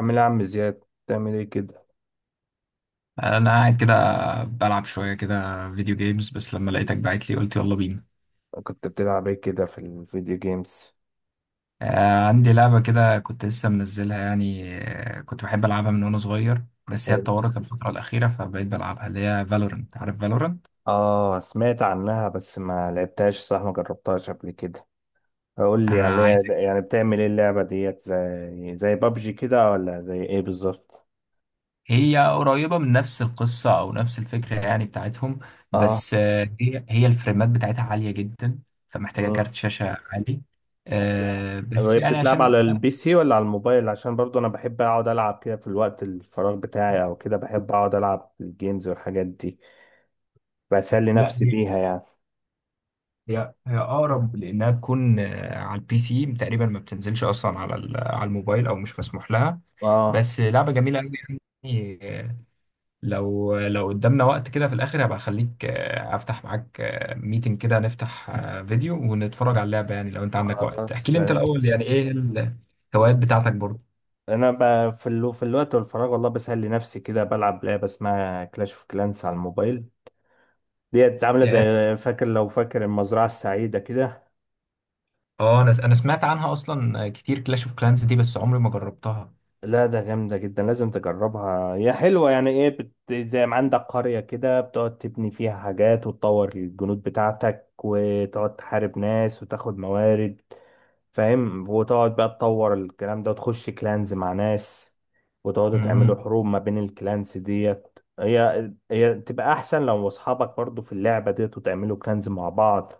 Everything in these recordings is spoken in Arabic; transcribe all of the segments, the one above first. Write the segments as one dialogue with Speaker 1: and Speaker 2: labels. Speaker 1: عامل ايه يا عم زياد؟ بتعمل ايه كده؟
Speaker 2: انا قاعد كده بلعب شويه كده فيديو جيمز بس لما لقيتك بعت لي قلت يلا بينا.
Speaker 1: كنت بتلعب ايه كده في الفيديو جيمز؟
Speaker 2: عندي لعبه كده كنت لسه منزلها كنت بحب العبها من وانا صغير، بس هي
Speaker 1: حلو.
Speaker 2: اتطورت الفتره الاخيره فبقيت بلعبها اللي هي فالورنت، عارف فالورنت؟
Speaker 1: اه، سمعت عنها بس ما لعبتهاش. صح، ما جربتهاش قبل كده. قول لي
Speaker 2: انا
Speaker 1: عليها،
Speaker 2: عايزك.
Speaker 1: يعني بتعمل ايه اللعبة ديت؟ زي بابجي كده ولا زي ايه بالظبط؟
Speaker 2: هي قريبه من نفس القصه او نفس الفكره يعني بتاعتهم،
Speaker 1: اه.
Speaker 2: بس آه، هي الفريمات بتاعتها عاليه جدا، فمحتاجه
Speaker 1: مم.
Speaker 2: كارت شاشه عالي.
Speaker 1: لا.
Speaker 2: آه، بس
Speaker 1: وهي
Speaker 2: يعني
Speaker 1: بتتلعب
Speaker 2: عشان
Speaker 1: على البي سي ولا على الموبايل؟ عشان برضو انا بحب اقعد العب كده في الوقت الفراغ بتاعي، او كده بحب اقعد العب الجيمز والحاجات دي، بسلي
Speaker 2: لا،
Speaker 1: نفسي بيها يعني.
Speaker 2: هي اقرب لانها تكون على البي سي، تقريبا ما بتنزلش اصلا على على الموبايل او مش مسموح لها.
Speaker 1: اه.
Speaker 2: بس لعبه جميله قوي. يعني آه، لو قدامنا وقت كده في الاخر هبقى اخليك افتح معاك ميتنج كده، نفتح فيديو ونتفرج على اللعبه. يعني لو انت عندك وقت
Speaker 1: خلاص.
Speaker 2: احكي لي انت الاول يعني ايه الهوايات بتاعتك برضه.
Speaker 1: انا في الوقت والفراغ، والله بسهل لنفسي كده، بلعب لعبه اسمها كلاش اوف كلانس على الموبايل. ديت عامله
Speaker 2: يعني
Speaker 1: زي، لو فاكر المزرعه السعيده كده.
Speaker 2: اه انا سمعت عنها اصلا كتير، كلاش اوف كلانز دي، بس عمري ما جربتها.
Speaker 1: لا، ده جامدة جدا، لازم تجربها. هي حلوة يعني. ايه زي ما عندك قرية كده، بتقعد تبني فيها حاجات وتطور الجنود بتاعتك، وتقعد تحارب ناس وتاخد موارد. فاهم؟ وتقعد بقى تطور الكلام ده وتخش كلانز مع ناس، وتقعدوا تعملوا
Speaker 2: امم.
Speaker 1: حروب ما بين الكلانز ديت. هي تبقى احسن لو اصحابك برضو في اللعبة ديت، وتعملوا كلانز مع بعض،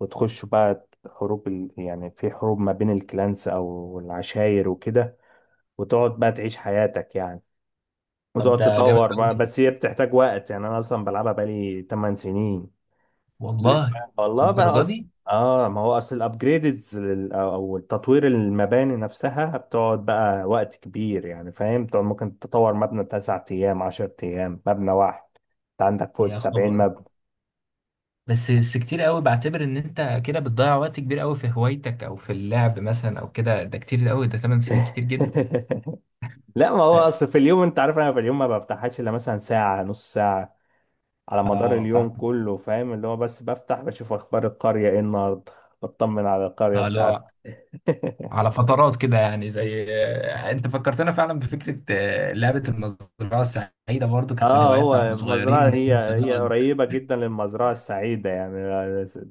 Speaker 1: وتخشوا بقى حروب يعني في حروب ما بين الكلانز او العشاير وكده، وتقعد بقى تعيش حياتك يعني،
Speaker 2: طب
Speaker 1: وتقعد
Speaker 2: ده جامد
Speaker 1: تطور بقى.
Speaker 2: أوي،
Speaker 1: بس هي بتحتاج وقت يعني. انا اصلا بلعبها بقالي 8 سنين.
Speaker 2: والله.
Speaker 1: ليه؟ والله بقى اصلا. اه، ما هو اصل الابجريدز او التطوير، المباني نفسها بتقعد بقى وقت كبير يعني. فاهم؟ بتقعد ممكن تطور مبنى 9 ايام، 10 ايام، مبنى واحد. انت عندك فوق
Speaker 2: يا
Speaker 1: 70
Speaker 2: خبر،
Speaker 1: مبنى.
Speaker 2: بس كتير قوي، بعتبر ان انت كده بتضيع وقت كبير قوي في هوايتك او في اللعب مثلا او كده، ده كتير قوي، ده 8 سنين كتير جدا.
Speaker 1: لا، ما هو اصل في اليوم، انت عارف، انا في اليوم ما بفتحهاش الا مثلا ساعة، نص ساعة على مدار
Speaker 2: اه
Speaker 1: اليوم
Speaker 2: فاهم.
Speaker 1: كله. فاهم؟ اللي هو بس بفتح بشوف اخبار القرية ايه النهارده، بطمن على القرية
Speaker 2: اه
Speaker 1: بتاعتي.
Speaker 2: لا، على فترات كده يعني. زي انت فكرتنا فعلا بفكره لعبه المزرعه السعيده، برضو كانت من
Speaker 1: اه،
Speaker 2: هواياتنا واحنا
Speaker 1: هو مزرعة.
Speaker 2: صغيرين
Speaker 1: هي هي
Speaker 2: نقعد.
Speaker 1: قريبة جدا للمزرعة السعيدة يعني.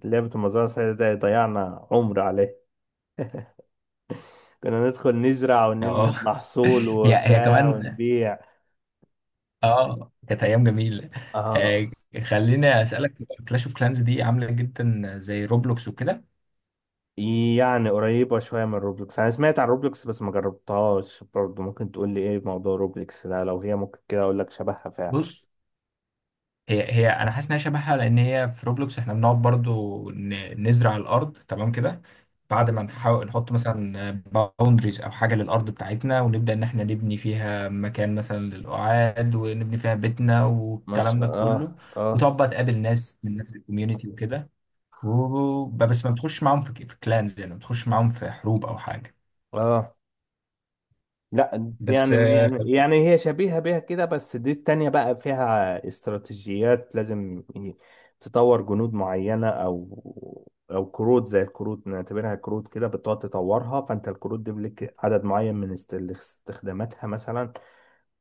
Speaker 1: لعبة المزرعة السعيدة ده ضيعنا عمر عليه. كنا ندخل نزرع ونلم
Speaker 2: اه.
Speaker 1: المحصول
Speaker 2: هي
Speaker 1: وبتاع
Speaker 2: كمان.
Speaker 1: ونبيع.
Speaker 2: اه كانت ايام جميله.
Speaker 1: اه.
Speaker 2: آه، خليني اسالك، كلاش اوف كلانز دي عامله جدا زي روبلوكس وكده؟
Speaker 1: يعني قريبة شوية من روبلوكس. أنا سمعت عن روبلوكس بس ما جربتهاش برضه. ممكن تقول لي إيه موضوع روبلوكس ده؟ لو هي ممكن كده أقول لك شبهها فعلا.
Speaker 2: بص، هي انا حاسس انها شبهها، لان هي في روبلوكس احنا بنقعد برضو نزرع الارض تمام كده، بعد ما نحاول نحط مثلا باوندريز او حاجه للارض بتاعتنا، ونبدا ان احنا نبني فيها مكان مثلا للقعاد، ونبني فيها بيتنا
Speaker 1: ما
Speaker 2: والكلام
Speaker 1: شاء
Speaker 2: ده
Speaker 1: الله.
Speaker 2: كله،
Speaker 1: اه.
Speaker 2: وتقعد بقى تقابل ناس من نفس الكوميونتي وكده. بس ما بتخش معاهم في كلانز، يعني ما بتخش معاهم في حروب او حاجه.
Speaker 1: اه. لا،
Speaker 2: بس
Speaker 1: يعني يعني يعني هي شبيهة بيها كده، بس دي التانية بقى فيها استراتيجيات. لازم تطور جنود معينة أو كروت. زي الكروت نعتبرها كروت كده، بتقعد تطورها. فأنت الكروت دي لك عدد معين من استخداماتها مثلا.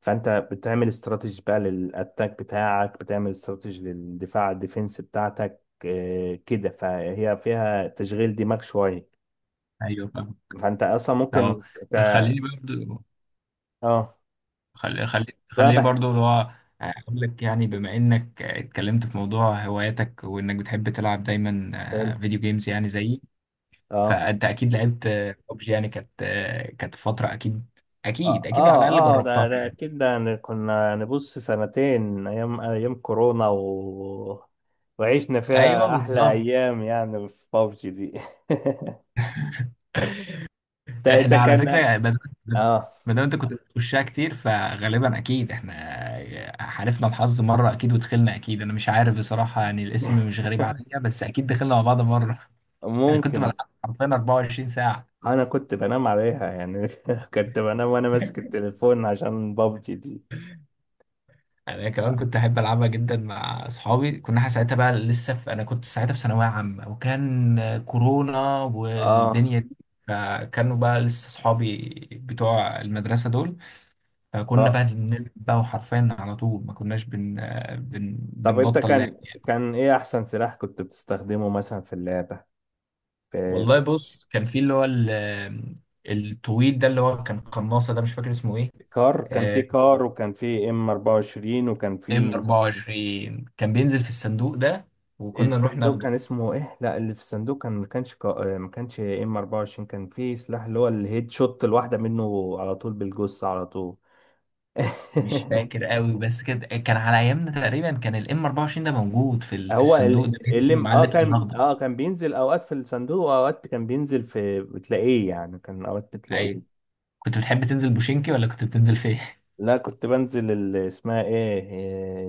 Speaker 1: فأنت بتعمل استراتيجي بقى للأتاك بتاعك، بتعمل استراتيجي للدفاع الديفنس بتاعتك، كده. فهي فيها تشغيل دماغ شوية.
Speaker 2: ايوه فاهم.
Speaker 1: فأنت أصلا
Speaker 2: اه
Speaker 1: ممكن ت-
Speaker 2: خليني برضو،
Speaker 1: اه.
Speaker 2: خليه برضو اللي هو اقول لك، يعني بما انك اتكلمت في موضوع هواياتك وانك بتحب تلعب دايما
Speaker 1: حلو.
Speaker 2: فيديو جيمز يعني زيي،
Speaker 1: اه،
Speaker 2: فانت اكيد لعبت ببجي. يعني كانت كانت فترة اكيد، اكيد
Speaker 1: اه،
Speaker 2: اكيد
Speaker 1: اه،
Speaker 2: على الاقل
Speaker 1: اه، ده
Speaker 2: جربتها.
Speaker 1: ده اكيد ده يعني. كنا نبص سنتين ايام ايام كورونا وعشنا
Speaker 2: ايوه
Speaker 1: فيها احلى
Speaker 2: بالظبط.
Speaker 1: ايام يعني في بابجي دي. تا تا
Speaker 2: احنا على
Speaker 1: كان
Speaker 2: فكرة يعني بدل
Speaker 1: اه.
Speaker 2: ما دام انت كنت بتخشها كتير فغالبا اكيد احنا حالفنا الحظ مرة اكيد ودخلنا، اكيد. انا مش عارف بصراحة يعني الاسم مش غريب عليا، بس اكيد دخلنا مع بعض مرة انا كنت بلعب
Speaker 1: ممكن.
Speaker 2: حرفيا 24 ساعة.
Speaker 1: انا كنت بنام عليها يعني. كنت بنام وانا ماسك التليفون عشان بابجي دي.
Speaker 2: يعني انا كمان كنت احب العبها جدا مع اصحابي. كنا احنا ساعتها بقى لسه في، انا كنت ساعتها في ثانويه عامه وكان كورونا
Speaker 1: اه.
Speaker 2: والدنيا دي، فكانوا بقى لسه اصحابي بتوع المدرسه دول، فكنا
Speaker 1: اه.
Speaker 2: بقى بنلعب بقى وحرفيا على طول، ما كناش
Speaker 1: طب انت
Speaker 2: بنبطل لعب.
Speaker 1: كان ايه احسن سلاح كنت بتستخدمه مثلا في اللعبة؟ في
Speaker 2: والله
Speaker 1: PUBG؟
Speaker 2: بص، كان في اللي هو الطويل ده اللي هو كان قناصه ده، مش فاكر اسمه ايه.
Speaker 1: كار. كان في
Speaker 2: آه،
Speaker 1: كار، وكان في ام 24، وكان
Speaker 2: ام
Speaker 1: في.
Speaker 2: 24 كان بينزل في الصندوق ده وكنا نروح
Speaker 1: الصندوق
Speaker 2: ناخده.
Speaker 1: كان اسمه ايه؟ لا، اللي في الصندوق كان، ما كانش ام 24. كان في سلاح اللي هو الهيد شوت، الواحده منه على طول بالجثه على طول.
Speaker 2: مش فاكر قوي بس كده كان على ايامنا تقريبا، كان الام 24 ده موجود في في
Speaker 1: هو
Speaker 2: الصندوق ده بينزل
Speaker 1: اللي
Speaker 2: ومعاه
Speaker 1: اه
Speaker 2: اللبس
Speaker 1: كان
Speaker 2: الاخضر.
Speaker 1: اه كان بينزل اوقات في الصندوق واوقات كان بينزل في، بتلاقيه يعني. كان اوقات بتلاقيه.
Speaker 2: ايوه. كنت بتحب تنزل بوشينكي ولا كنت بتنزل فين؟
Speaker 1: لا، كنت بنزل اسمها ايه،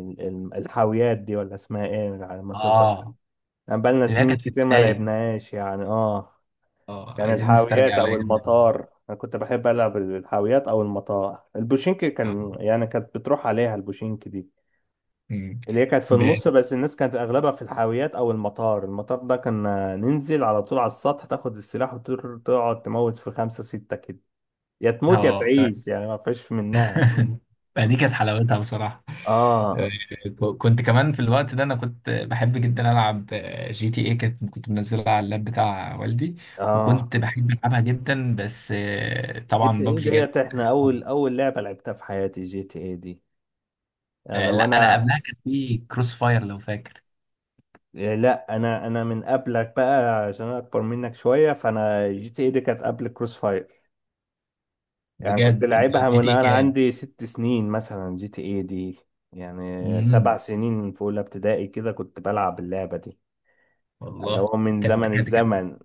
Speaker 1: الحاويات دي، ولا اسمها ايه على ما تظبط.
Speaker 2: اه
Speaker 1: بقالنا
Speaker 2: ده
Speaker 1: سنين
Speaker 2: كانت في
Speaker 1: كتير ما
Speaker 2: البدايه.
Speaker 1: لعبناهاش يعني. اه،
Speaker 2: اه
Speaker 1: يعني
Speaker 2: عايزين
Speaker 1: الحاويات
Speaker 2: نسترجع
Speaker 1: او
Speaker 2: الايام دي.
Speaker 1: المطار. انا كنت بحب العب الحاويات او المطار. البوشينك كان،
Speaker 2: اه.
Speaker 1: يعني كانت بتروح عليها البوشينك دي،
Speaker 2: أمم.
Speaker 1: اللي هي كانت في
Speaker 2: ب...
Speaker 1: النص. بس الناس كانت اغلبها في الحاويات او المطار. المطار ده كان ننزل على طول على السطح، تاخد السلاح وتقعد تموت في خمسة ستة كده. يا تموت يا
Speaker 2: اه.
Speaker 1: تعيش يعني، ما فيش منها.
Speaker 2: فدي كانت حلاوتها بصراحة. آه،
Speaker 1: اه.
Speaker 2: كنت كمان في الوقت ده انا كنت بحب جدا العب جي تي اي، كنت منزلها على اللاب بتاع والدي،
Speaker 1: اه.
Speaker 2: وكنت بحب العبها جدا، بس
Speaker 1: جي تي
Speaker 2: طبعا
Speaker 1: اي
Speaker 2: بابجي جت.
Speaker 1: ديت احنا اول اول لعبة لعبتها في حياتي، جي تي اي دي، يعني.
Speaker 2: لا انا
Speaker 1: وانا
Speaker 2: قبلها كان في كروس فاير لو فاكر.
Speaker 1: إيه؟ لا، انا من قبلك بقى عشان انا اكبر منك شويه. فانا جي تي اي دي كانت قبل كروس فاير يعني. كنت
Speaker 2: بجد
Speaker 1: لعبها
Speaker 2: جي
Speaker 1: من
Speaker 2: تي اي
Speaker 1: انا
Speaker 2: كام؟
Speaker 1: عندي 6 سنين مثلا، جي تي اي دي يعني. سبع
Speaker 2: امم،
Speaker 1: سنين في اولى ابتدائي كده كنت بلعب اللعبه دي. اللي
Speaker 2: والله.
Speaker 1: هو من
Speaker 2: كانت
Speaker 1: زمن
Speaker 2: كانت كان
Speaker 1: الزمن.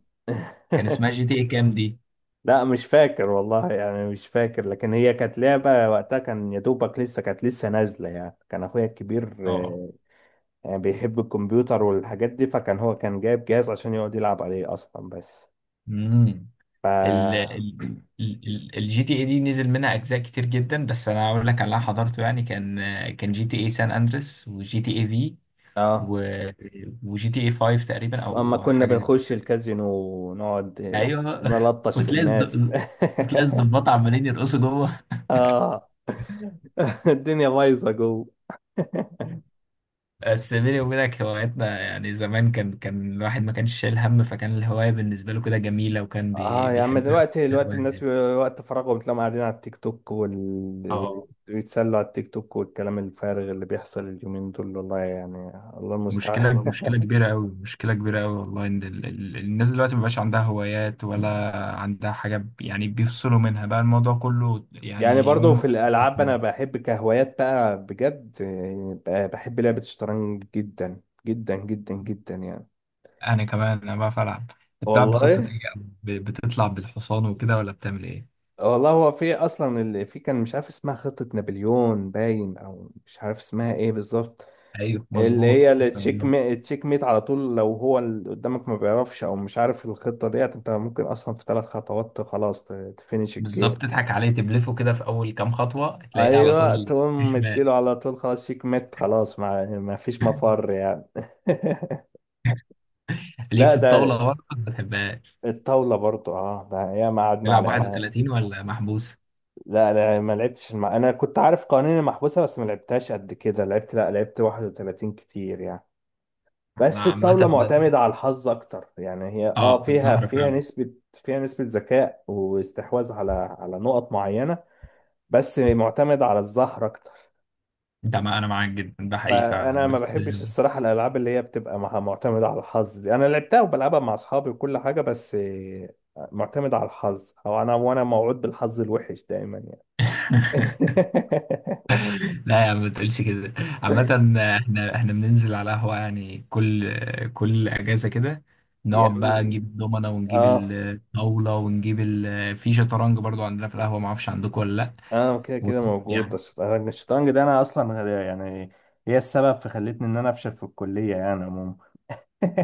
Speaker 2: كان اسمها جي تي اي كام دي؟
Speaker 1: لا، مش فاكر والله يعني. مش فاكر. لكن هي كانت لعبه، وقتها كان يا دوبك لسه كانت لسه نازله يعني. كان اخويا الكبير
Speaker 2: اه.
Speaker 1: يعني بيحب الكمبيوتر والحاجات دي. فكان هو كان جايب جهاز عشان يقعد يلعب عليه اصلا بس.
Speaker 2: امم.
Speaker 1: ف
Speaker 2: ال ال الجي تي اي دي نزل منها اجزاء كتير جدا، بس انا اقول لك على اللي أنا حضرته يعني، كان جي تي اي سان اندريس وجي تي اي في
Speaker 1: اه
Speaker 2: وجي تي اي 5 تقريبا
Speaker 1: اما
Speaker 2: او
Speaker 1: كنا
Speaker 2: حاجه زي
Speaker 1: بنخش
Speaker 2: كده.
Speaker 1: الكازينو، ونقعد
Speaker 2: ايوه
Speaker 1: نلطش في
Speaker 2: وتلاقي الز-
Speaker 1: الناس.
Speaker 2: وتلاقي الظباط عمالين يرقصوا جوه.
Speaker 1: اه، الدنيا بايظه جوه.
Speaker 2: بس بيني وبينك هواياتنا يعني زمان، كان الواحد ما كانش شايل هم، فكان الهوايه بالنسبه له كده جميله وكان
Speaker 1: اه يا عم،
Speaker 2: بيحبها
Speaker 1: دلوقتي دلوقتي
Speaker 2: الهوايه
Speaker 1: الناس
Speaker 2: دي.
Speaker 1: وقت فراغهم تلاقيهم قاعدين على التيك توك
Speaker 2: اه.
Speaker 1: ويتسلوا على التيك توك والكلام الفارغ اللي بيحصل اليومين دول والله يعني. الله المستعان.
Speaker 2: مشكلة، مشكلة كبيرة أوي والله، إن الناس دلوقتي مبقاش عندها هوايات ولا عندها حاجة، يعني بيفصلوا منها بقى الموضوع كله،
Speaker 1: يعني
Speaker 2: يعني إن
Speaker 1: برضو
Speaker 2: هم.
Speaker 1: في الالعاب، انا بحب كهوايات بقى بجد يعني. بحب لعبة الشطرنج جدا جدا جدا جدا يعني.
Speaker 2: أنا كمان، أنا بعرف ألعب. أنت بتلعب بخطة
Speaker 1: والله.
Speaker 2: إيه؟ بتطلع بالحصان وكده ولا بتعمل إيه؟
Speaker 1: والله هو في اصلا اللي في، كان مش عارف اسمها خطة نابليون باين او مش عارف اسمها ايه بالظبط.
Speaker 2: أيوه
Speaker 1: اللي
Speaker 2: مظبوط،
Speaker 1: هي
Speaker 2: خطة
Speaker 1: التشيك
Speaker 2: الرياضة.
Speaker 1: ميت، التشيك ميت على طول. لو هو اللي قدامك ما بيعرفش او مش عارف الخطة ديت، انت ممكن اصلا في ثلاث خطوات خلاص تفينش الجيم.
Speaker 2: بالظبط، تضحك عليه تبلفه كده في أول كام خطوة تلاقيه على
Speaker 1: ايوه،
Speaker 2: طول
Speaker 1: تقوم
Speaker 2: شمال
Speaker 1: مديله على طول خلاص، شيك ميت، خلاص، ما فيش مفر يعني.
Speaker 2: ليك
Speaker 1: لا،
Speaker 2: في
Speaker 1: ده
Speaker 2: الطاولة برضه ما بتحبهاش؟
Speaker 1: الطاولة برضو، اه، ده ياما قعدنا على.
Speaker 2: تلعب 31 ولا محبوس؟
Speaker 1: لا، انا ما لعبتش انا كنت عارف قوانين المحبوسه، بس ما لعبتهاش قد كده. لا لعبت 31 كتير يعني.
Speaker 2: أنا
Speaker 1: بس الطاوله
Speaker 2: عامة،
Speaker 1: معتمده على الحظ اكتر يعني. هي اه
Speaker 2: اه
Speaker 1: فيها
Speaker 2: الزهر
Speaker 1: فيها
Speaker 2: فعلا.
Speaker 1: نسبه فيها نسبه ذكاء واستحواذ على نقط معينه. بس معتمده على الزهر اكتر.
Speaker 2: ده ما انا معاك جدا، ده حقيقي
Speaker 1: فانا
Speaker 2: فعلا
Speaker 1: ما
Speaker 2: بس
Speaker 1: بحبش الصراحه الالعاب اللي هي بتبقى معتمده على الحظ دي. انا لعبتها وبلعبها مع اصحابي وكل حاجه بس معتمده على الحظ، او انا، وانا موعود بالحظ الوحش دايما يعني.
Speaker 2: لا يا عم ما تقولش كده. عامة، احنا بننزل على قهوة يعني كل اجازة كده، نقعد بقى
Speaker 1: يعني
Speaker 2: نجيب دومنة ونجيب
Speaker 1: اه
Speaker 2: الطاولة ونجيب في شطرنج برضو عندنا في القهوة، ما اعرفش عندكم ولا لا.
Speaker 1: انا كده
Speaker 2: وت-
Speaker 1: كده موجود
Speaker 2: يعني
Speaker 1: الشطرنج ده انا اصلا يعني هي السبب في خلتني ان انا افشل في الكليه يعني عموما.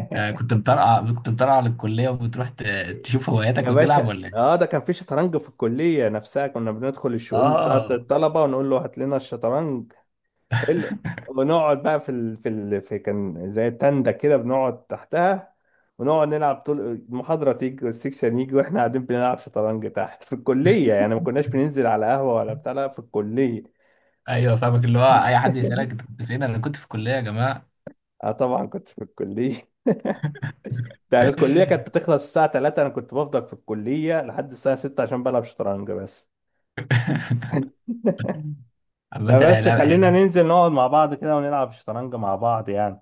Speaker 2: انت كنت مطرقع، كنت مطرقع للكلية وبتروح تشوف هواياتك
Speaker 1: يا
Speaker 2: وتلعب
Speaker 1: باشا،
Speaker 2: ولا ايه؟
Speaker 1: اه. ده كان في شطرنج في الكليه نفسها. كنا بندخل الشؤون بتاعت
Speaker 2: اه.
Speaker 1: الطلبه ونقول له هات لنا الشطرنج. حلو. ونقعد بقى في، كان زي تندة كده بنقعد تحتها، ونقعد نلعب طول المحاضره. تيجي والسكشن يجي واحنا قاعدين بنلعب شطرنج تحت في الكليه. يعني ما كناش بننزل على قهوه ولا بتاع، لا، في الكليه.
Speaker 2: ايوه فاهمك، اللي هو اي حد يسألك انت كنت فين، انا كنت في الكلية يا جماعة
Speaker 1: اه، طبعا كنت في الكلية. ده الكلية كانت بتخلص الساعة 3، انا كنت بفضل في الكلية لحد الساعة 6 عشان بلعب شطرنج بس.
Speaker 2: عامة هي
Speaker 1: فبس
Speaker 2: لعبة.
Speaker 1: خلينا ننزل نقعد مع بعض كده ونلعب شطرنج مع بعض يعني.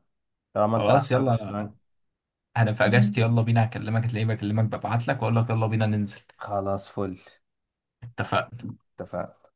Speaker 1: طالما انت
Speaker 2: خلاص
Speaker 1: عارف
Speaker 2: يلا،
Speaker 1: الشطرنج،
Speaker 2: انا في اجازتي يلا بينا، هكلمك هتلاقيني بكلمك ببعت لك واقول لك يلا بينا ننزل.
Speaker 1: خلاص فل.
Speaker 2: اتفقنا.
Speaker 1: اتفقنا.